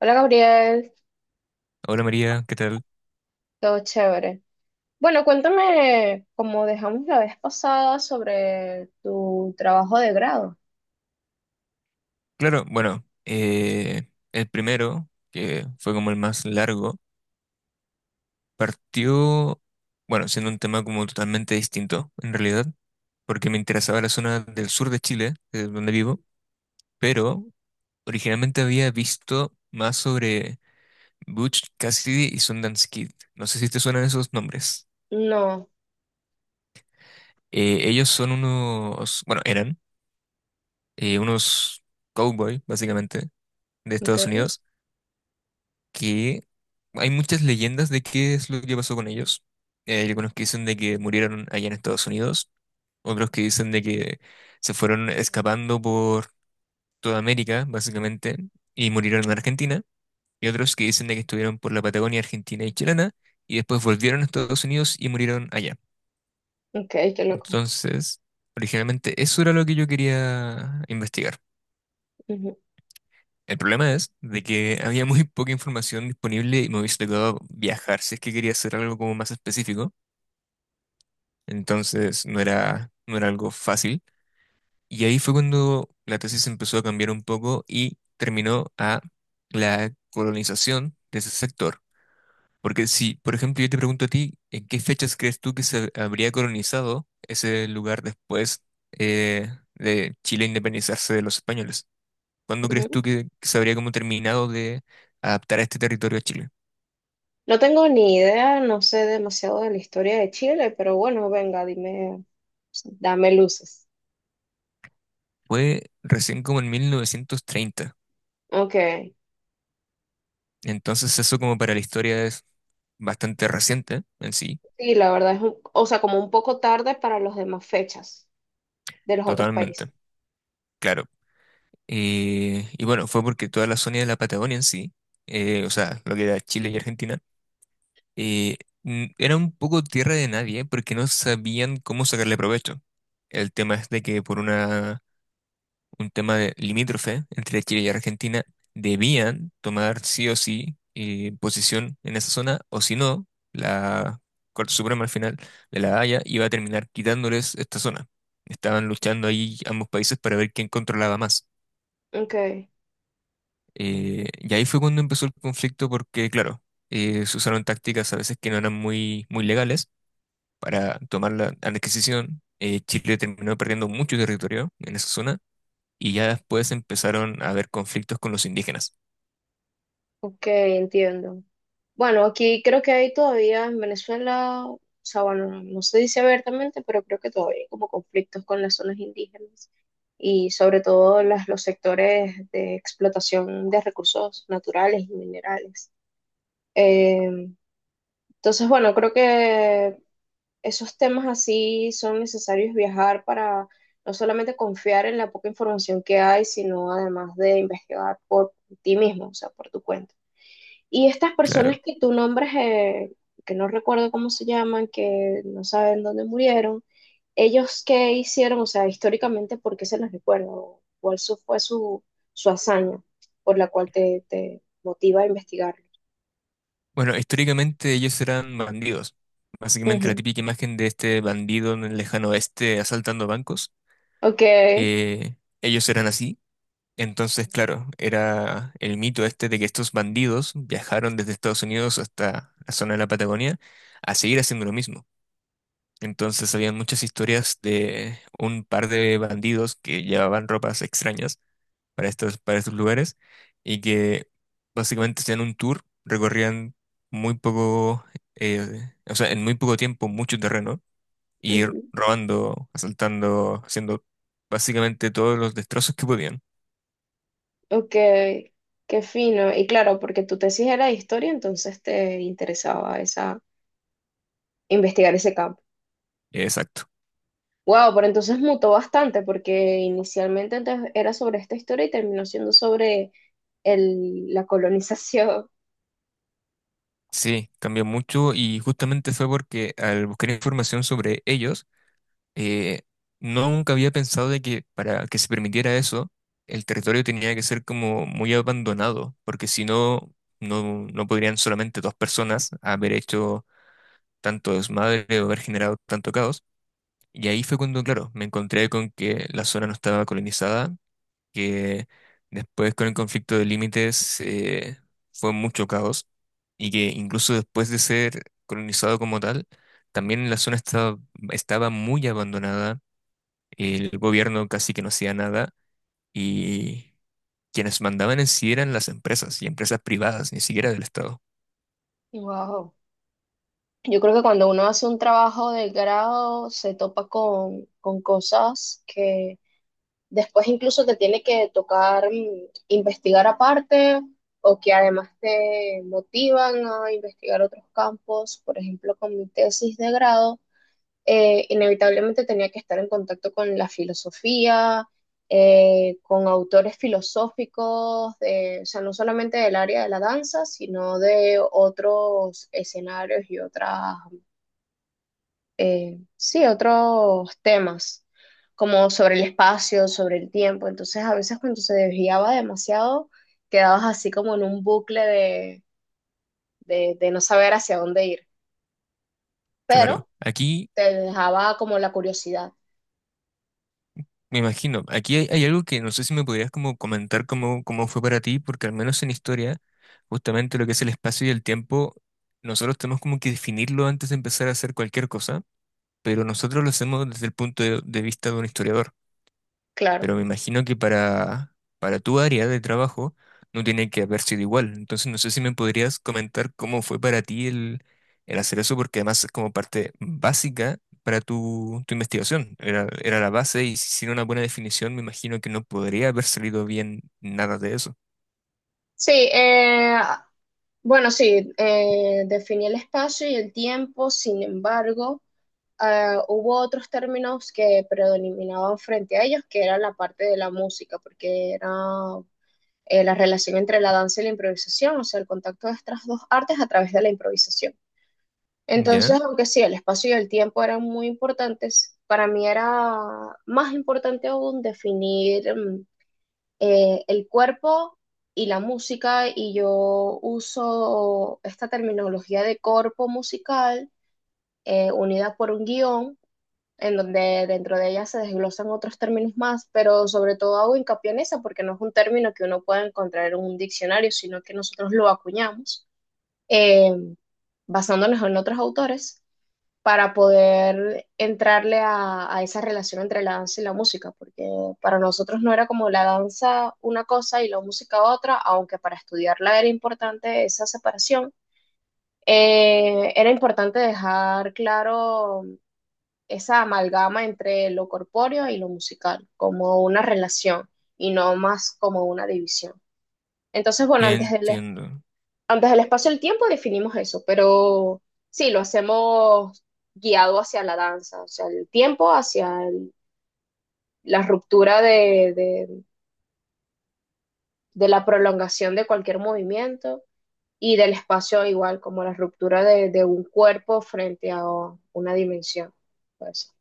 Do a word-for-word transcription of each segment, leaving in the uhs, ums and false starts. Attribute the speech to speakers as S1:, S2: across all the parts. S1: Hola Gabriel,
S2: Hola María, ¿qué tal?
S1: todo chévere. Bueno, cuéntame, como dejamos la vez pasada, sobre tu trabajo de grado.
S2: Claro, bueno, eh, el primero, que fue como el más largo, partió, bueno, siendo un tema como totalmente distinto, en realidad, porque me interesaba la zona del sur de Chile, que es donde vivo, pero originalmente había visto más sobre Butch Cassidy y Sundance Kid. No sé si te suenan esos nombres.
S1: No,
S2: Eh, ellos son unos, bueno, eran eh, unos cowboy, básicamente, de
S1: ok,
S2: Estados Unidos, que hay muchas leyendas de qué es lo que pasó con ellos. Eh, Hay algunos que dicen de que murieron allá en Estados Unidos, otros que dicen de que se fueron escapando por toda América, básicamente, y murieron en Argentina, y otros que dicen de que estuvieron por la Patagonia argentina y chilena, y después volvieron a Estados Unidos y murieron allá.
S1: ok, qué loco.
S2: Entonces, originalmente eso era lo que yo quería investigar.
S1: Ujú,
S2: El problema es de que había muy poca información disponible y me hubiese tocado viajar si es que quería hacer algo como más específico. Entonces no era, no era algo fácil. Y ahí fue cuando la tesis empezó a cambiar un poco y terminó a la colonización de ese sector. Porque si, por ejemplo, yo te pregunto a ti, ¿en qué fechas crees tú que se habría colonizado ese lugar después eh, de Chile independizarse de los españoles? ¿Cuándo crees
S1: ujú.
S2: tú que, que se habría como terminado de adaptar a este territorio a Chile?
S1: No tengo ni idea, no sé demasiado de la historia de Chile, pero bueno, venga, dime, dame luces.
S2: Fue recién como en mil novecientos treinta.
S1: Ok,
S2: Entonces eso como para la historia es bastante reciente en sí,
S1: sí, la verdad es, un- o sea, como un poco tarde para las demás fechas de los otros países.
S2: totalmente, claro. Eh, y bueno, fue porque toda la zona de la Patagonia en sí, eh, o sea, lo que era Chile y Argentina, eh, n- era un poco tierra de nadie porque no sabían cómo sacarle provecho. El tema es de que por una un tema de limítrofe entre Chile y Argentina, debían tomar sí o sí eh, posición en esa zona, o si no, la Corte Suprema al final de La Haya iba a terminar quitándoles esta zona. Estaban luchando ahí ambos países para ver quién controlaba más.
S1: Ok.
S2: Eh, y ahí fue cuando empezó el conflicto porque, claro, eh, se usaron tácticas a veces que no eran muy, muy legales para tomar la adquisición. Eh, Chile terminó perdiendo mucho territorio en esa zona y ya después empezaron a haber conflictos con los indígenas.
S1: Ok, entiendo. Bueno, aquí creo que hay todavía en Venezuela, o sea, bueno, no se dice abiertamente, pero creo que todavía hay como conflictos con las zonas indígenas y sobre todo las, los sectores de explotación de recursos naturales y minerales. Eh, entonces, bueno, creo que esos temas así son necesarios viajar para no solamente confiar en la poca información que hay, sino además de investigar por ti mismo, o sea, por tu cuenta. Y estas personas
S2: Claro.
S1: que tú nombras, eh, que no recuerdo cómo se llaman, que no saben dónde murieron, ¿ellos qué hicieron? O sea, históricamente, ¿por qué se les recuerda? ¿O ¿Cuál su- fue su, su hazaña por la cual te, te motiva a investigarlo?
S2: Bueno, históricamente ellos eran bandidos. Básicamente la
S1: Ujú.
S2: típica imagen de este bandido en el lejano oeste asaltando bancos.
S1: Ok,
S2: eh, Ellos eran así. Entonces, claro, era el mito este de que estos bandidos viajaron desde Estados Unidos hasta la zona de la Patagonia a seguir haciendo lo mismo. Entonces, habían muchas historias de un par de bandidos que llevaban ropas extrañas para estos, para estos lugares y que básicamente hacían un tour, recorrían muy poco, eh, o sea, en muy poco tiempo mucho terreno y ir
S1: ujú,
S2: robando, asaltando, haciendo básicamente todos los destrozos que podían.
S1: ok, qué fino. Y claro, porque tu tesis era de historia, entonces te interesaba esa, investigar ese campo.
S2: Exacto.
S1: Wow, pero entonces mutó bastante porque inicialmente antes era sobre esta historia y terminó siendo sobre el- la colonización.
S2: Sí, cambió mucho y justamente fue porque al buscar información sobre ellos, eh, no, nunca había pensado de que para que se permitiera eso, el territorio tenía que ser como muy abandonado, porque si no, no, no podrían solamente dos personas haber hecho tanto desmadre o haber generado tanto caos. Y ahí fue cuando, claro, me encontré con que la zona no estaba colonizada, que después con el conflicto de límites eh, fue mucho caos, y que incluso después de ser colonizado como tal, también la zona estaba, estaba muy abandonada, el gobierno casi que no hacía nada y quienes mandaban en sí eran las empresas y empresas privadas, ni siquiera del Estado.
S1: Wow. Yo creo que cuando uno hace un trabajo de grado se topa con, con cosas que después incluso te tiene que tocar mm, investigar aparte o que además te motivan a investigar otros campos. Por ejemplo, con mi tesis de grado. Eh, inevitablemente tenía que estar en contacto con la filosofía, eh, con autores filosóficos, de- o sea, no solamente del área de la danza, sino de otros escenarios y otras, eh, sí, otros temas, como sobre el espacio, sobre el tiempo. Entonces, a veces cuando se desviaba demasiado, quedabas así como en un bucle de, de, de no saber hacia dónde ir,
S2: Claro,
S1: pero
S2: aquí
S1: te dejaba como la curiosidad,
S2: me imagino, aquí hay, hay algo que no sé si me podrías como comentar cómo, cómo fue para ti, porque al menos en historia, justamente lo que es el espacio y el tiempo, nosotros tenemos como que definirlo antes de empezar a hacer cualquier cosa, pero nosotros lo hacemos desde el punto de de vista de un historiador.
S1: claro.
S2: Pero me imagino que para, para tu área de trabajo no tiene que haber sido igual. Entonces no sé si me podrías comentar cómo fue para ti el, el hacer eso, porque además es como parte básica para tu, tu investigación. Era, era la base y sin una buena definición me imagino que no podría haber salido bien nada de eso.
S1: Sí, eh, bueno, sí, eh, definí el espacio y el tiempo, sin embargo, eh, hubo otros términos que predominaban frente a ellos, que era la parte de la música, porque era eh, la relación entre la danza y la improvisación, o sea, el contacto de estas dos artes a través de la improvisación.
S2: Ya,
S1: Entonces, aunque sí, el espacio y el tiempo eran muy importantes, para mí era más importante aún definir, mm, eh, el cuerpo y la música, y yo uso esta terminología de corpo musical eh, unida por un guión, en donde dentro de ella se desglosan otros términos más, pero sobre todo hago hincapié en esa porque no es un término que uno pueda encontrar en un diccionario, sino que nosotros lo acuñamos eh, basándonos en otros autores para poder entrarle a, a, esa relación entre la danza y la música, porque para nosotros no era como la danza una cosa y la música otra, aunque para estudiarla era importante esa separación, eh, era importante dejar claro esa amalgama entre lo corpóreo y lo musical, como una relación y no más como una división. Entonces, bueno, antes del
S2: entiendo.
S1: antes del espacio y el tiempo definimos eso, pero sí, lo hacemos guiado hacia la danza, o sea, el tiempo hacia el- la ruptura de, de- de la prolongación de cualquier movimiento y del espacio igual, como la ruptura de, de un cuerpo frente a una dimensión. Pues,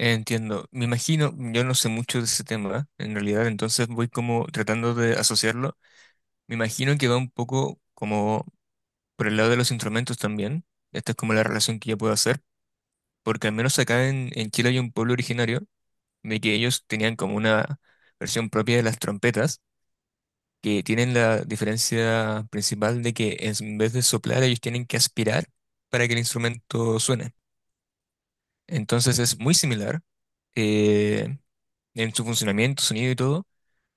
S2: Entiendo. Me imagino, yo no sé mucho de ese tema, en realidad, entonces voy como tratando de asociarlo. Me imagino que va un poco como por el lado de los instrumentos también, esta es como la relación que yo puedo hacer, porque al menos acá en, en Chile hay un pueblo originario de que ellos tenían como una versión propia de las trompetas, que tienen la diferencia principal de que es- en vez de soplar ellos tienen que aspirar para que el instrumento suene. Entonces es muy similar eh, en su funcionamiento, sonido y todo,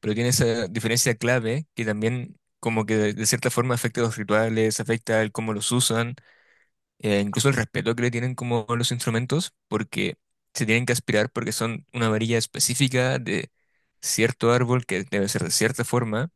S2: pero tiene esa diferencia clave que también como que de, de cierta forma afecta a los rituales, afecta el cómo los usan eh, incluso el respeto que le tienen como a los instrumentos, porque se tienen que aspirar porque son una varilla específica de cierto árbol que debe ser de cierta forma,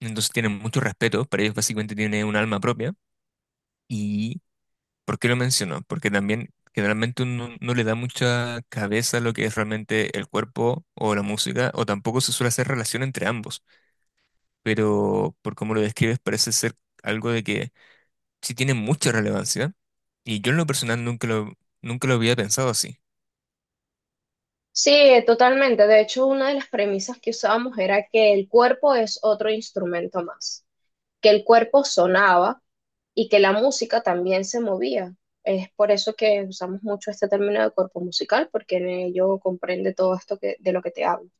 S2: entonces tienen mucho respeto, para ellos básicamente tiene un alma propia. ¿Y por qué lo menciono? Porque también generalmente uno no le da mucha cabeza a lo que es realmente el cuerpo o la música, o tampoco se suele hacer relación entre ambos, pero por cómo lo describes parece ser algo de que sí tiene mucha relevancia y yo en lo personal nunca lo, nunca lo había pensado así.
S1: sí, totalmente. De hecho, una de las premisas que usábamos era que el cuerpo es otro instrumento más, que el cuerpo sonaba y que la música también se movía. Es por eso que usamos mucho este término de cuerpo musical, porque en ello comprende todo esto que, de lo que te hablo.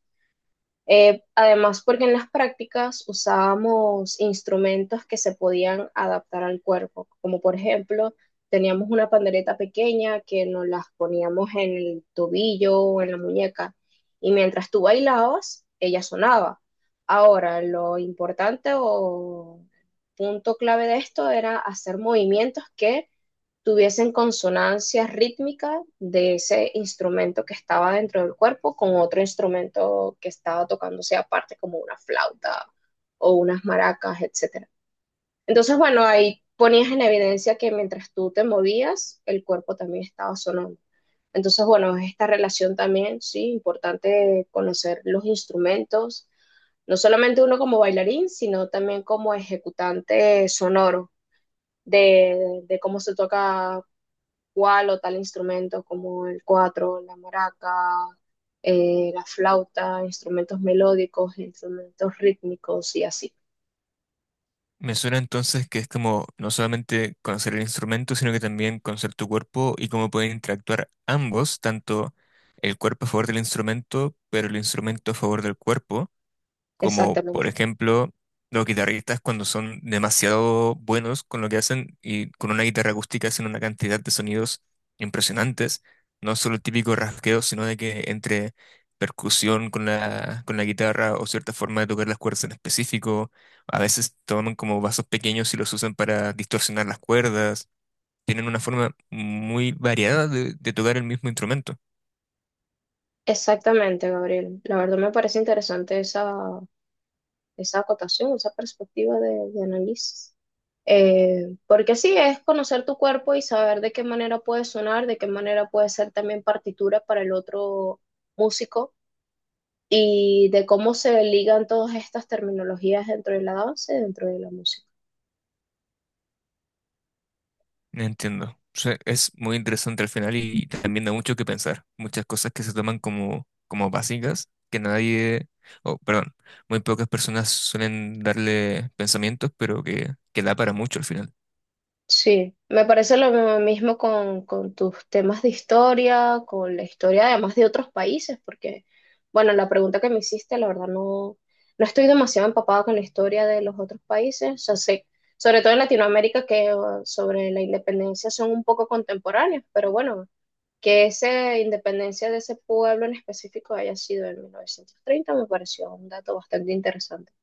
S1: Eh, además, porque en las prácticas usábamos instrumentos que se podían adaptar al cuerpo, como por ejemplo, teníamos una pandereta pequeña que nos las poníamos en el tobillo o en la muñeca, y mientras tú bailabas, ella sonaba. Ahora, lo importante o punto clave de esto era hacer movimientos que tuviesen consonancia rítmica de ese instrumento que estaba dentro del cuerpo con otro instrumento que estaba tocándose aparte, como una flauta o unas maracas, etcétera. Entonces, bueno, ahí ponías en evidencia que mientras tú te movías, el cuerpo también estaba sonando. Entonces, bueno, esta relación también, sí, importante conocer los instrumentos, no solamente uno como bailarín, sino también como ejecutante sonoro de, de cómo se toca cuál o tal instrumento como el cuatro, la maraca, eh, la flauta, instrumentos melódicos, instrumentos rítmicos y así.
S2: Me suena entonces que es como no solamente conocer el instrumento, sino que también conocer tu cuerpo y cómo pueden interactuar ambos, tanto el cuerpo a favor del instrumento, pero el instrumento a favor del cuerpo, como por
S1: Exactamente.
S2: ejemplo los guitarristas cuando son demasiado buenos con lo que hacen y con una guitarra acústica hacen una cantidad de sonidos impresionantes, no solo el típico rasgueo, sino de que entre percusión con la, con la guitarra o cierta forma de tocar las cuerdas en específico, a veces toman como vasos pequeños y los usan para distorsionar las cuerdas, tienen una forma muy variada de de tocar el mismo instrumento.
S1: Exactamente, Gabriel. La verdad me parece interesante esa, esa acotación, esa perspectiva de, de análisis. Eh, porque sí, es conocer tu cuerpo y saber de qué manera puede sonar, de qué manera puede ser también partitura para el otro músico y de cómo se ligan todas estas terminologías dentro de la danza y dentro de la música.
S2: Entiendo. O sea, es muy interesante al final y también da mucho que pensar. Muchas cosas que se toman como, como básicas, que nadie, o perdón, muy pocas personas suelen darle pensamientos, pero que, que da para mucho al final.
S1: Sí, me parece lo mismo con, con tus temas de historia, con la historia además de otros países, porque, bueno, la pregunta que me hiciste, la verdad no, no estoy demasiado empapada con la historia de los otros países, o sea, sé, sobre todo en Latinoamérica, que uh, sobre la independencia son un poco contemporáneos, pero bueno, que esa independencia de ese pueblo en específico haya sido en mil novecientos treinta me pareció un dato bastante interesante.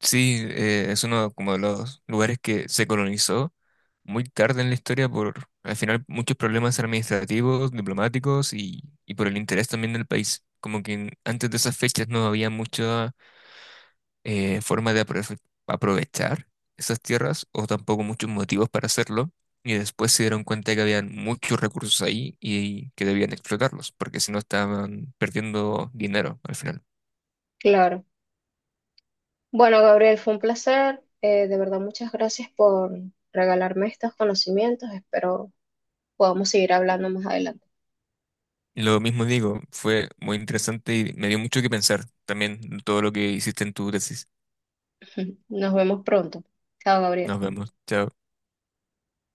S2: Sí, eh, es uno como de los lugares que se colonizó muy tarde en la historia por al final muchos problemas administrativos, diplomáticos y, y por el interés también del país. Como que en- antes de esas fechas no había mucho eh, forma de aprove- aprovechar esas tierras o tampoco muchos motivos para hacerlo. Y después se dieron cuenta que habían muchos recursos ahí y que debían explotarlos, porque si no estaban perdiendo dinero al final.
S1: Claro. Bueno, Gabriel, fue un placer. Eh, de verdad, muchas gracias por regalarme estos conocimientos. Espero podamos seguir hablando más adelante.
S2: Lo mismo digo, fue muy interesante y me dio mucho que pensar también todo lo que hiciste en tu tesis.
S1: Nos vemos pronto. Chao, Gabriel.
S2: Nos vemos, chao.